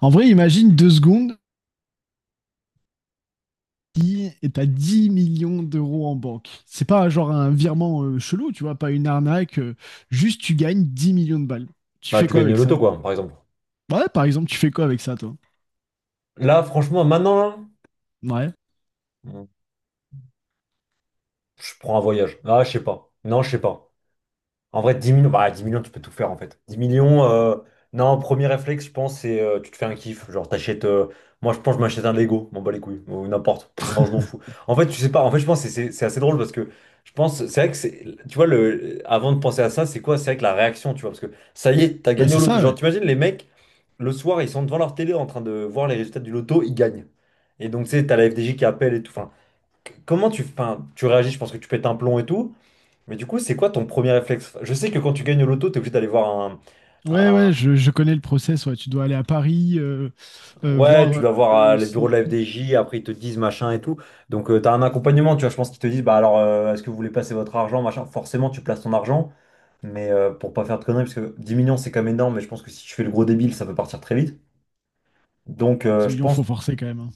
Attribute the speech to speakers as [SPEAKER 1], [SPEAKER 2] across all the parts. [SPEAKER 1] En vrai, imagine 2 secondes si t'as 10 millions d'euros en banque. C'est pas genre un virement chelou, tu vois, pas une arnaque. Juste, tu gagnes 10 millions de balles. Tu
[SPEAKER 2] Bah,
[SPEAKER 1] fais
[SPEAKER 2] tu
[SPEAKER 1] quoi
[SPEAKER 2] gagnes le
[SPEAKER 1] avec
[SPEAKER 2] loto,
[SPEAKER 1] ça?
[SPEAKER 2] quoi, par exemple.
[SPEAKER 1] Ouais, par exemple, tu fais quoi avec ça, toi?
[SPEAKER 2] Là, franchement, maintenant, là,
[SPEAKER 1] Ouais.
[SPEAKER 2] mm, je prends un voyage. Ah, je sais pas. Non, je sais pas. En vrai, 10 millions, bah, 10 millions, tu peux tout faire, en fait. 10 millions, non, premier réflexe, je pense, c'est tu te fais un kiff. Genre, t'achètes. Moi, je pense, je m'achète un Lego, m'en bats les couilles, ou n'importe. Non, je m'en fous. En fait, tu sais pas. En fait, je pense que c'est c'est- assez drôle, parce que je pense, c'est vrai que c'est. Tu vois, le, avant de penser à ça, c'est quoi? C'est vrai que la réaction, tu vois, parce que ça y est, t'as
[SPEAKER 1] Bah,
[SPEAKER 2] gagné au
[SPEAKER 1] c'est
[SPEAKER 2] loto.
[SPEAKER 1] ça,
[SPEAKER 2] Genre,
[SPEAKER 1] ouais.
[SPEAKER 2] t'imagines les mecs. Le soir, ils sont devant leur télé en train de voir les résultats du loto, ils gagnent. Et donc, tu sais, t'as la FDJ qui appelle et tout. Enfin, comment tu, enfin, tu réagis? Je pense que tu pètes un plomb et tout. Mais du coup, c'est quoi ton premier réflexe? Je sais que quand tu gagnes au loto, t'es obligé d'aller voir un,
[SPEAKER 1] Ouais,
[SPEAKER 2] un.
[SPEAKER 1] ouais, je connais le process. Ouais. Tu dois aller à Paris,
[SPEAKER 2] Ouais, tu
[SPEAKER 1] voir
[SPEAKER 2] dois voir les
[SPEAKER 1] si
[SPEAKER 2] bureaux de
[SPEAKER 1] le
[SPEAKER 2] la
[SPEAKER 1] truc est...
[SPEAKER 2] FDJ, après ils te disent machin et tout. Donc, tu t'as un accompagnement, tu vois. Je pense qu'ils te disent, bah alors, est-ce que vous voulez placer votre argent, machin? Forcément, tu places ton argent, mais pour pas faire de conneries, parce que 10 millions, c'est quand même énorme. Mais je pense que si tu fais le gros débile, ça peut partir très vite. Donc,
[SPEAKER 1] Oh, 10
[SPEAKER 2] je
[SPEAKER 1] millions, faut
[SPEAKER 2] pense.
[SPEAKER 1] forcer quand même, hein.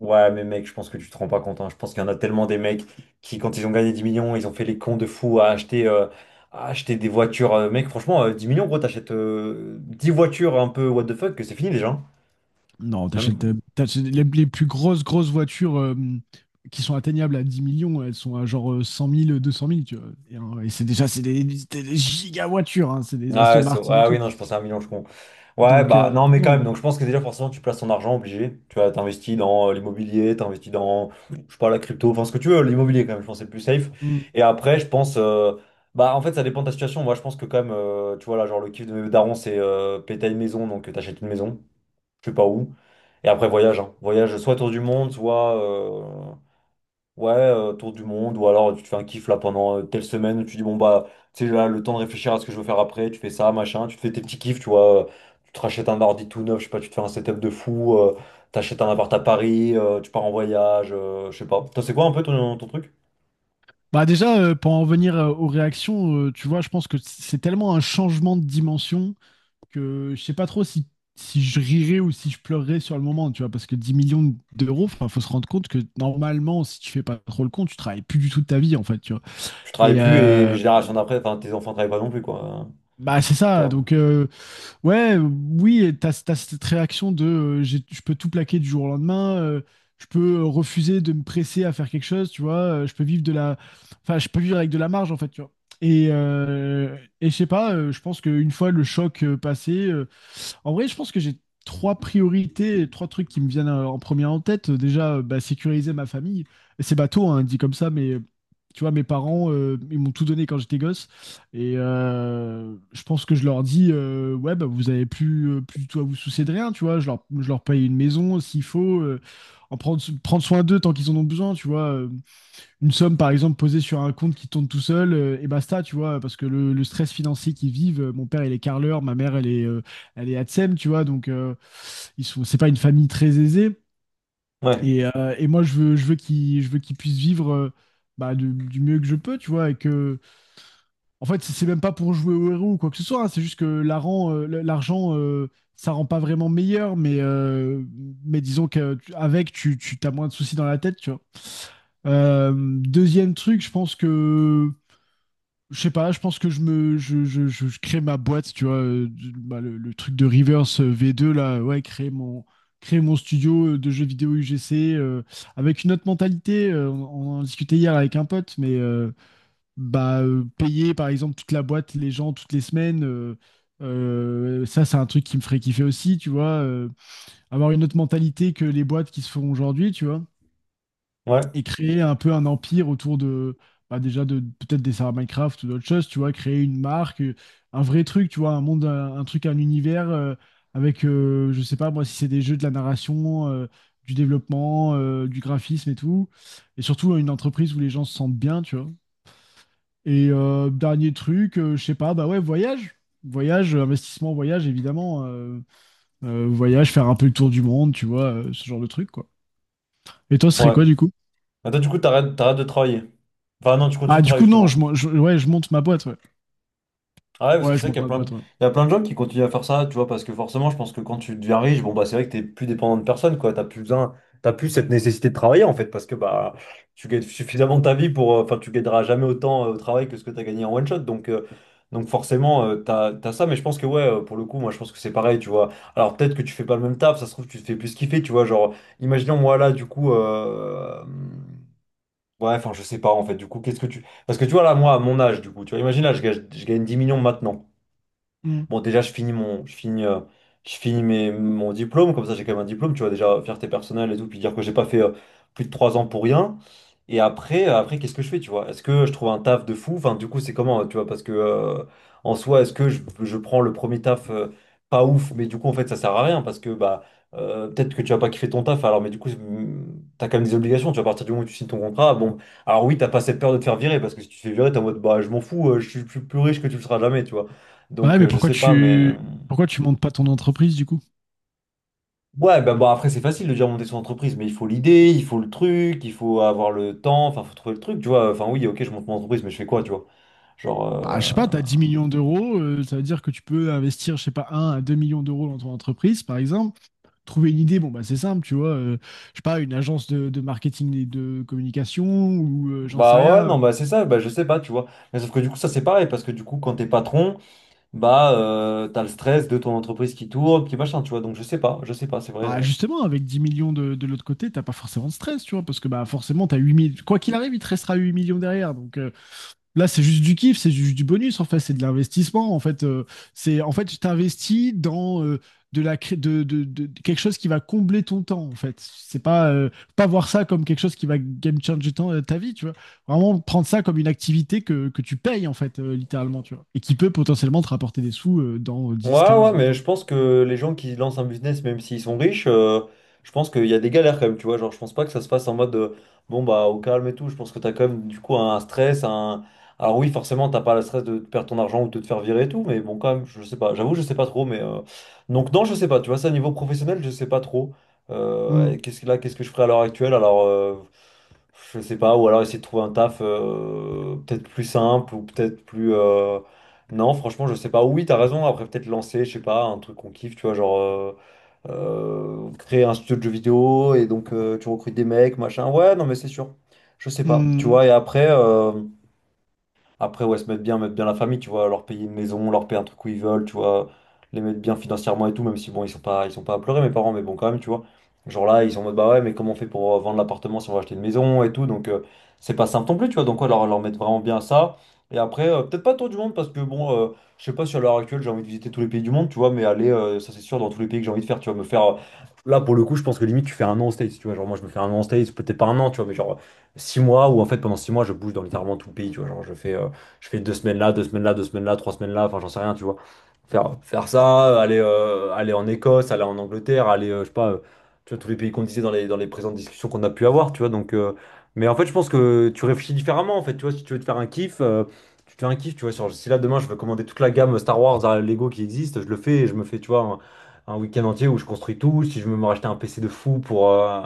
[SPEAKER 2] Ouais, mais mec, je pense que tu te rends pas compte, hein. Je pense qu'il y en a tellement des mecs qui, quand ils ont gagné 10 millions, ils ont fait les cons de fous à acheter, à acheter des voitures. Mec, franchement, 10 millions, gros, t'achètes 10 voitures un peu what the fuck, que c'est fini déjà, hein.
[SPEAKER 1] Non, t'achètes euh,
[SPEAKER 2] Même.
[SPEAKER 1] t'achètes les plus grosses, grosses voitures qui sont atteignables à 10 millions. Elles sont à genre 100 000, 200 000, tu vois. Et c'est déjà, c'est des giga voitures, hein, c'est des
[SPEAKER 2] Ah,
[SPEAKER 1] Aston Martin et
[SPEAKER 2] ah oui,
[SPEAKER 1] tout.
[SPEAKER 2] non, je pensais à un million, je con. Ouais,
[SPEAKER 1] Donc,
[SPEAKER 2] bah non, mais quand
[SPEAKER 1] non.
[SPEAKER 2] même, donc je pense que déjà, forcément, tu places ton argent obligé. Tu vois, t'investis dans l'immobilier, t'investis dans, je sais pas, la crypto, enfin ce que tu veux, l'immobilier quand même, je pense que c'est le plus safe.
[SPEAKER 1] Mm.
[SPEAKER 2] Et après, je pense, bah en fait, ça dépend de ta situation. Moi, je pense que quand même, tu vois, là, genre le kiff de mes darons, c'est péter une maison, donc t'achètes une maison, je sais pas où. Et après, voyage, hein. Voyage soit tour du monde, soit. Ouais, tour du monde, ou alors tu te fais un kiff là pendant telle semaine, où tu dis bon bah, tu sais là, le temps de réfléchir à ce que je veux faire après, tu fais ça, machin, tu te fais tes petits kiffs, tu vois, tu te rachètes un ordi tout neuf, je sais pas, tu te fais un setup de fou, t'achètes un appart à Paris, tu pars en voyage, je sais pas. Toi, c'est quoi un peu ton, truc?
[SPEAKER 1] Bah déjà, pour en venir aux réactions, tu vois, je pense que c'est tellement un changement de dimension que je sais pas trop si je rirais ou si je pleurerais sur le moment, tu vois, parce que 10 millions d'euros, enfin, faut se rendre compte que normalement, si tu fais pas trop le compte, tu travailles plus du tout de ta vie, en fait, tu vois.
[SPEAKER 2] Tu travailles
[SPEAKER 1] Et,
[SPEAKER 2] plus et les
[SPEAKER 1] euh,
[SPEAKER 2] générations d'après, enfin tes enfants travaillent pas non plus, quoi.
[SPEAKER 1] Bah c'est
[SPEAKER 2] Tu
[SPEAKER 1] ça,
[SPEAKER 2] vois.
[SPEAKER 1] donc ouais, oui, et t'as cette réaction de je peux tout plaquer du jour au lendemain, je peux refuser de me presser à faire quelque chose, tu vois, je peux vivre de la... Enfin, je peux vivre avec de la marge en fait, tu vois. Et je sais pas, je pense qu'une fois le choc passé, en vrai, je pense que j'ai trois priorités, trois trucs qui me viennent en premier en tête. Déjà, bah, sécuriser ma famille. C'est bateau, hein, dit comme ça, mais tu vois, mes parents, ils m'ont tout donné quand j'étais gosse. Et je pense que je leur dis, ouais, bah, vous avez plus, plus du tout à vous soucier de rien, tu vois. Je leur paye une maison s'il faut, prendre soin d'eux tant qu'ils en ont besoin, tu vois. Une somme, par exemple, posée sur un compte qui tourne tout seul, et basta, tu vois. Parce que le stress financier qu'ils vivent, mon père, il est carleur, ma mère, elle est ATSEM, tu vois. Donc, c'est pas une famille très aisée.
[SPEAKER 2] Ouais,
[SPEAKER 1] Et moi, je veux qu'ils puissent vivre, bah, du mieux que je peux, tu vois. Et que en fait, si c'est même pas pour jouer au héros ou quoi que ce soit, hein. C'est juste que l'argent, ça rend pas vraiment meilleur, mais disons qu'avec, tu as moins de soucis dans la tête, tu vois. Deuxième truc, je pense que, je sais pas, je pense que je me, je crée ma boîte, tu vois, bah, le truc de Reverse V2 là, ouais, créer mon studio de jeux vidéo UGC avec une autre mentalité. On en discutait hier avec un pote, mais bah, payer par exemple toute la boîte, les gens toutes les semaines, ça c'est un truc qui me ferait kiffer aussi, tu vois, avoir une autre mentalité que les boîtes qui se font aujourd'hui, tu vois,
[SPEAKER 2] ouais,
[SPEAKER 1] et créer un peu un empire autour de, bah, déjà de peut-être des serveurs Minecraft ou d'autres choses, tu vois, créer une marque, un vrai truc, tu vois, un monde, un truc, un univers avec, je sais pas moi, si c'est des jeux de la narration. Du développement, du graphisme et tout, et surtout une entreprise où les gens se sentent bien, tu vois. Et dernier truc, je sais pas, bah ouais, voyage. Voyage, investissement, voyage, évidemment. Voyage, faire un peu le tour du monde, tu vois, ce genre de truc, quoi. Et toi, ce serait
[SPEAKER 2] ouais.
[SPEAKER 1] quoi, du coup?
[SPEAKER 2] Mais toi, du coup, t'arrêtes de travailler. Enfin non, tu continues
[SPEAKER 1] Ah,
[SPEAKER 2] de
[SPEAKER 1] du
[SPEAKER 2] travailler
[SPEAKER 1] coup, non,
[SPEAKER 2] justement.
[SPEAKER 1] ouais, je monte ma boîte, ouais.
[SPEAKER 2] Ah ouais, parce que
[SPEAKER 1] Ouais,
[SPEAKER 2] c'est
[SPEAKER 1] je
[SPEAKER 2] vrai
[SPEAKER 1] monte
[SPEAKER 2] qu'il y a
[SPEAKER 1] ma
[SPEAKER 2] plein de...
[SPEAKER 1] boîte, ouais.
[SPEAKER 2] Il y a plein de gens qui continuent à faire ça, tu vois, parce que forcément, je pense que quand tu deviens riche, bon, bah, c'est vrai que t'es plus dépendant de personne, quoi. T'as plus besoin, t'as plus cette nécessité de travailler, en fait, parce que, bah, tu gagnes suffisamment ta vie pour, enfin, tu gagneras jamais autant au travail que ce que t'as gagné en one shot. Donc, donc forcément, t'as ça, mais je pense que, ouais, pour le coup, moi, je pense que c'est pareil, tu vois. Alors, peut-être que tu fais pas le même taf, ça se trouve, tu te fais plus kiffer, tu vois. Genre, imaginons, moi, là, du coup, ouais, enfin, je sais pas, en fait, du coup, qu'est-ce que tu. Parce que tu vois, là, moi, à mon âge, du coup, tu vois, imagine, là, je gagne 10 millions maintenant.
[SPEAKER 1] Hmm.
[SPEAKER 2] Bon, déjà, je finis mon, je finis mes, mon diplôme, comme ça j'ai quand même un diplôme, tu vois, déjà, fierté personnelle et tout, puis dire que j'ai pas fait plus de 3 ans pour rien. Et après, qu'est-ce que je fais, tu vois? Est-ce que je trouve un taf de fou? Enfin, du coup, c'est comment, tu vois? Parce que, en soi, est-ce que je prends le premier taf pas ouf, mais du coup, en fait, ça sert à rien, parce que, bah, peut-être que tu vas pas kiffer ton taf, alors, mais du coup, t'as quand même des obligations, tu vois, à partir du moment où tu signes ton contrat, bon, alors oui, t'as pas cette peur de te faire virer, parce que si tu te fais virer, t'es en mode, bah, je m'en fous, je suis plus, riche que tu le seras jamais, tu vois.
[SPEAKER 1] Bah ouais,
[SPEAKER 2] Donc,
[SPEAKER 1] mais
[SPEAKER 2] je
[SPEAKER 1] pourquoi
[SPEAKER 2] sais pas, mais.
[SPEAKER 1] tu, pourquoi tu montes pas ton entreprise, du coup?
[SPEAKER 2] Ouais, bah bon, après, c'est facile de dire monter son entreprise, mais il faut l'idée, il faut le truc, il faut avoir le temps, enfin, faut trouver le truc, tu vois. Enfin, oui, ok, je monte mon entreprise, mais je fais quoi, tu vois? Genre.
[SPEAKER 1] Bah, je sais pas, t'as 10 millions d'euros, ça veut dire que tu peux investir, je sais pas, 1 à 2 millions d'euros dans ton entreprise, par exemple. Trouver une idée, bon, bah, c'est simple, tu vois. Je sais pas, une agence de marketing et de communication, ou j'en sais
[SPEAKER 2] Bah ouais,
[SPEAKER 1] rien.
[SPEAKER 2] non, bah c'est ça, bah je sais pas, tu vois. Mais sauf que du coup, ça c'est pareil, parce que du coup, quand t'es patron, bah t'as le stress de ton entreprise qui tourne, qui machin, tu vois. Donc, je sais pas, c'est vrai.
[SPEAKER 1] Bah justement, avec 10 millions de l'autre côté, t'as pas forcément de stress, tu vois, parce que bah forcément, t'as 8 millions. Quoi qu'il arrive, il te restera 8 millions derrière. Donc là, c'est juste du kiff, c'est juste du bonus, en fait, c'est de l'investissement. En fait, c'est en fait, tu t'investis dans de la cré- de quelque chose qui va combler ton temps, en fait. C'est pas, pas voir ça comme quelque chose qui va game changer ta vie, tu vois. Vraiment prendre ça comme une activité que tu payes, en fait, littéralement, tu vois. Et qui peut potentiellement te rapporter des sous dans dix
[SPEAKER 2] Ouais,
[SPEAKER 1] quinze
[SPEAKER 2] ouais,
[SPEAKER 1] vingt
[SPEAKER 2] mais
[SPEAKER 1] ans.
[SPEAKER 2] je pense que les gens qui lancent un business, même s'ils sont riches, je pense qu'il y a des galères quand même, tu vois. Genre, je pense pas que ça se passe en mode bon, bah, au calme et tout. Je pense que t'as quand même, du coup, un stress. Un... Alors, oui, forcément, t'as pas le stress de perdre ton argent ou de te faire virer et tout, mais bon, quand même, je sais pas. J'avoue, je sais pas trop, mais donc, non, je sais pas, tu vois, ça, niveau professionnel, je sais pas trop. Et
[SPEAKER 1] Mm.
[SPEAKER 2] qu'est-ce que là, qu'est-ce que je ferais à l'heure actuelle? Alors, je sais pas, ou alors essayer de trouver un taf peut-être plus simple ou peut-être plus. Non, franchement, je sais pas. Oui, t'as raison. Après, peut-être lancer, je sais pas, un truc qu'on kiffe, tu vois, genre créer un studio de jeux vidéo et donc tu recrutes des mecs, machin. Ouais, non, mais c'est sûr. Je sais pas. Tu
[SPEAKER 1] Mm.
[SPEAKER 2] vois, et après. Après, ouais, se mettre bien la famille, tu vois, leur payer une maison, leur payer un truc où ils veulent, tu vois, les mettre bien financièrement et tout, même si bon, ils sont pas à pleurer, mes parents, mais bon, quand même, tu vois. Genre là, ils sont en mode, bah ouais, mais comment on fait pour vendre l'appartement si on va acheter une maison et tout, donc c'est pas simple non plus, tu vois, donc ouais, leur mettre vraiment bien ça. Et après, peut-être pas tour du monde, parce que bon, je sais pas si à l'heure actuelle j'ai envie de visiter tous les pays du monde, tu vois, mais aller, ça c'est sûr, dans tous les pays que j'ai envie de faire, tu vois, me faire. Là, pour le coup, je pense que limite, tu fais un an aux States, tu vois, genre moi, je me fais un an aux States, peut-être pas un an, tu vois, mais genre 6 mois où en fait pendant 6 mois je bouge dans littéralement tout le pays, tu vois, genre je fais 2 semaines là, 2 semaines là, deux semaines là, 3 semaines là, enfin j'en sais rien, tu vois. Faire ça, aller en Écosse, aller en Angleterre, aller, je sais pas, tu vois, tous les pays qu'on disait dans les présentes discussions qu'on a pu avoir, tu vois. Donc, mais en fait, je pense que tu réfléchis différemment, en fait, tu vois, si tu veux te faire un kiff, tu te fais un kiff, tu vois. Si là demain je veux commander toute la gamme Star Wars à Lego qui existe, je le fais et je me fais, tu vois, un week-end entier où je construis tout. Si je veux me racheter un PC de fou pour, euh,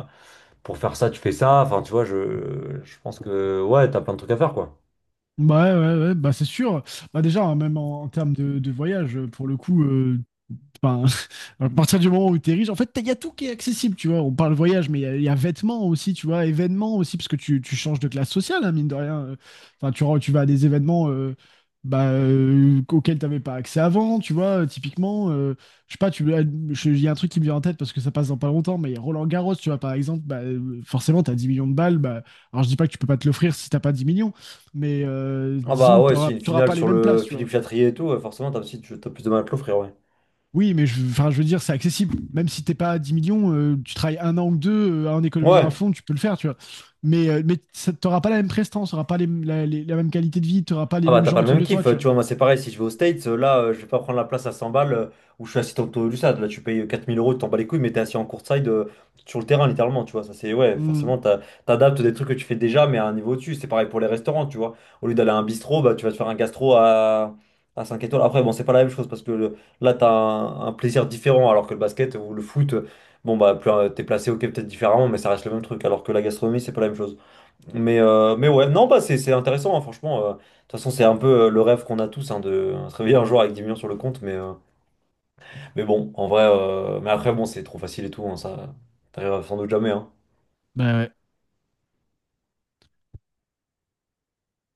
[SPEAKER 2] pour faire ça, tu fais ça. Enfin, tu vois, je pense que, ouais, t'as plein de trucs à faire, quoi.
[SPEAKER 1] Ouais, ouais, ouais, bah c'est sûr. Bah déjà, hein, même en termes de voyage, pour le coup, enfin, à partir du moment où tu es riche, en fait, il y a tout qui est accessible, tu vois. On parle voyage, mais il y a vêtements aussi, tu vois, événements aussi, parce que tu changes de classe sociale, hein, mine de rien. Enfin, tu vas à des événements bah, auxquels tu n'avais pas accès avant, tu vois. Typiquement, je sais pas, il y a un truc qui me vient en tête parce que ça passe dans pas longtemps, mais Roland Garros, tu vois, par exemple, bah, forcément, tu as 10 millions de balles. Bah, alors, je dis pas que tu peux pas te l'offrir si t'as pas 10 millions, mais
[SPEAKER 2] Ah bah
[SPEAKER 1] disons que
[SPEAKER 2] ouais,
[SPEAKER 1] tu
[SPEAKER 2] si une
[SPEAKER 1] n'auras
[SPEAKER 2] finale
[SPEAKER 1] pas les
[SPEAKER 2] sur
[SPEAKER 1] mêmes
[SPEAKER 2] le
[SPEAKER 1] places, tu
[SPEAKER 2] Philippe
[SPEAKER 1] vois.
[SPEAKER 2] Chatrier et tout, forcément t'as aussi t'as plus de mal à te l'offrir, ouais.
[SPEAKER 1] Oui, mais je, enfin, je veux dire, c'est accessible. Même si t'es pas à 10 millions, tu travailles 1 an ou 2 en économisant à
[SPEAKER 2] Ouais.
[SPEAKER 1] fond, tu peux le faire, tu vois. Mais t'auras pas la même prestance, t'auras pas la même qualité de vie, t'auras pas les
[SPEAKER 2] Ah bah
[SPEAKER 1] mêmes
[SPEAKER 2] t'as pas
[SPEAKER 1] gens
[SPEAKER 2] le
[SPEAKER 1] autour
[SPEAKER 2] même
[SPEAKER 1] de
[SPEAKER 2] kiff,
[SPEAKER 1] toi, tu
[SPEAKER 2] tu
[SPEAKER 1] vois.
[SPEAKER 2] vois, moi c'est pareil, si je vais aux States, là je vais pas prendre la place à 100 balles où je suis assis au taux du stade, là tu payes 4 000 euros, tu t'en bats les couilles, mais t'es assis en courtside sur le terrain littéralement, tu vois, ça c'est, ouais,
[SPEAKER 1] Mm.
[SPEAKER 2] forcément t'adaptes des trucs que tu fais déjà mais à un niveau au-dessus, c'est pareil pour les restaurants, tu vois, au lieu d'aller à un bistrot, bah tu vas te faire un gastro à, 5 étoiles, après bon c'est pas la même chose, parce que là t'as un plaisir différent, alors que le basket ou le foot, bon bah plus, t'es placé ok peut-être différemment, mais ça reste le même truc, alors que la gastronomie c'est pas la même chose. Mais, mais ouais, non, bah, c'est intéressant, hein, franchement. De toute façon, c'est un peu le rêve qu'on a tous, hein, de se réveiller un jour avec 10 millions sur le compte. Mais, mais bon, en vrai, mais après, bon, c'est trop facile et tout, hein, ça, t'arriveras sans doute jamais, hein.
[SPEAKER 1] Bah ouais.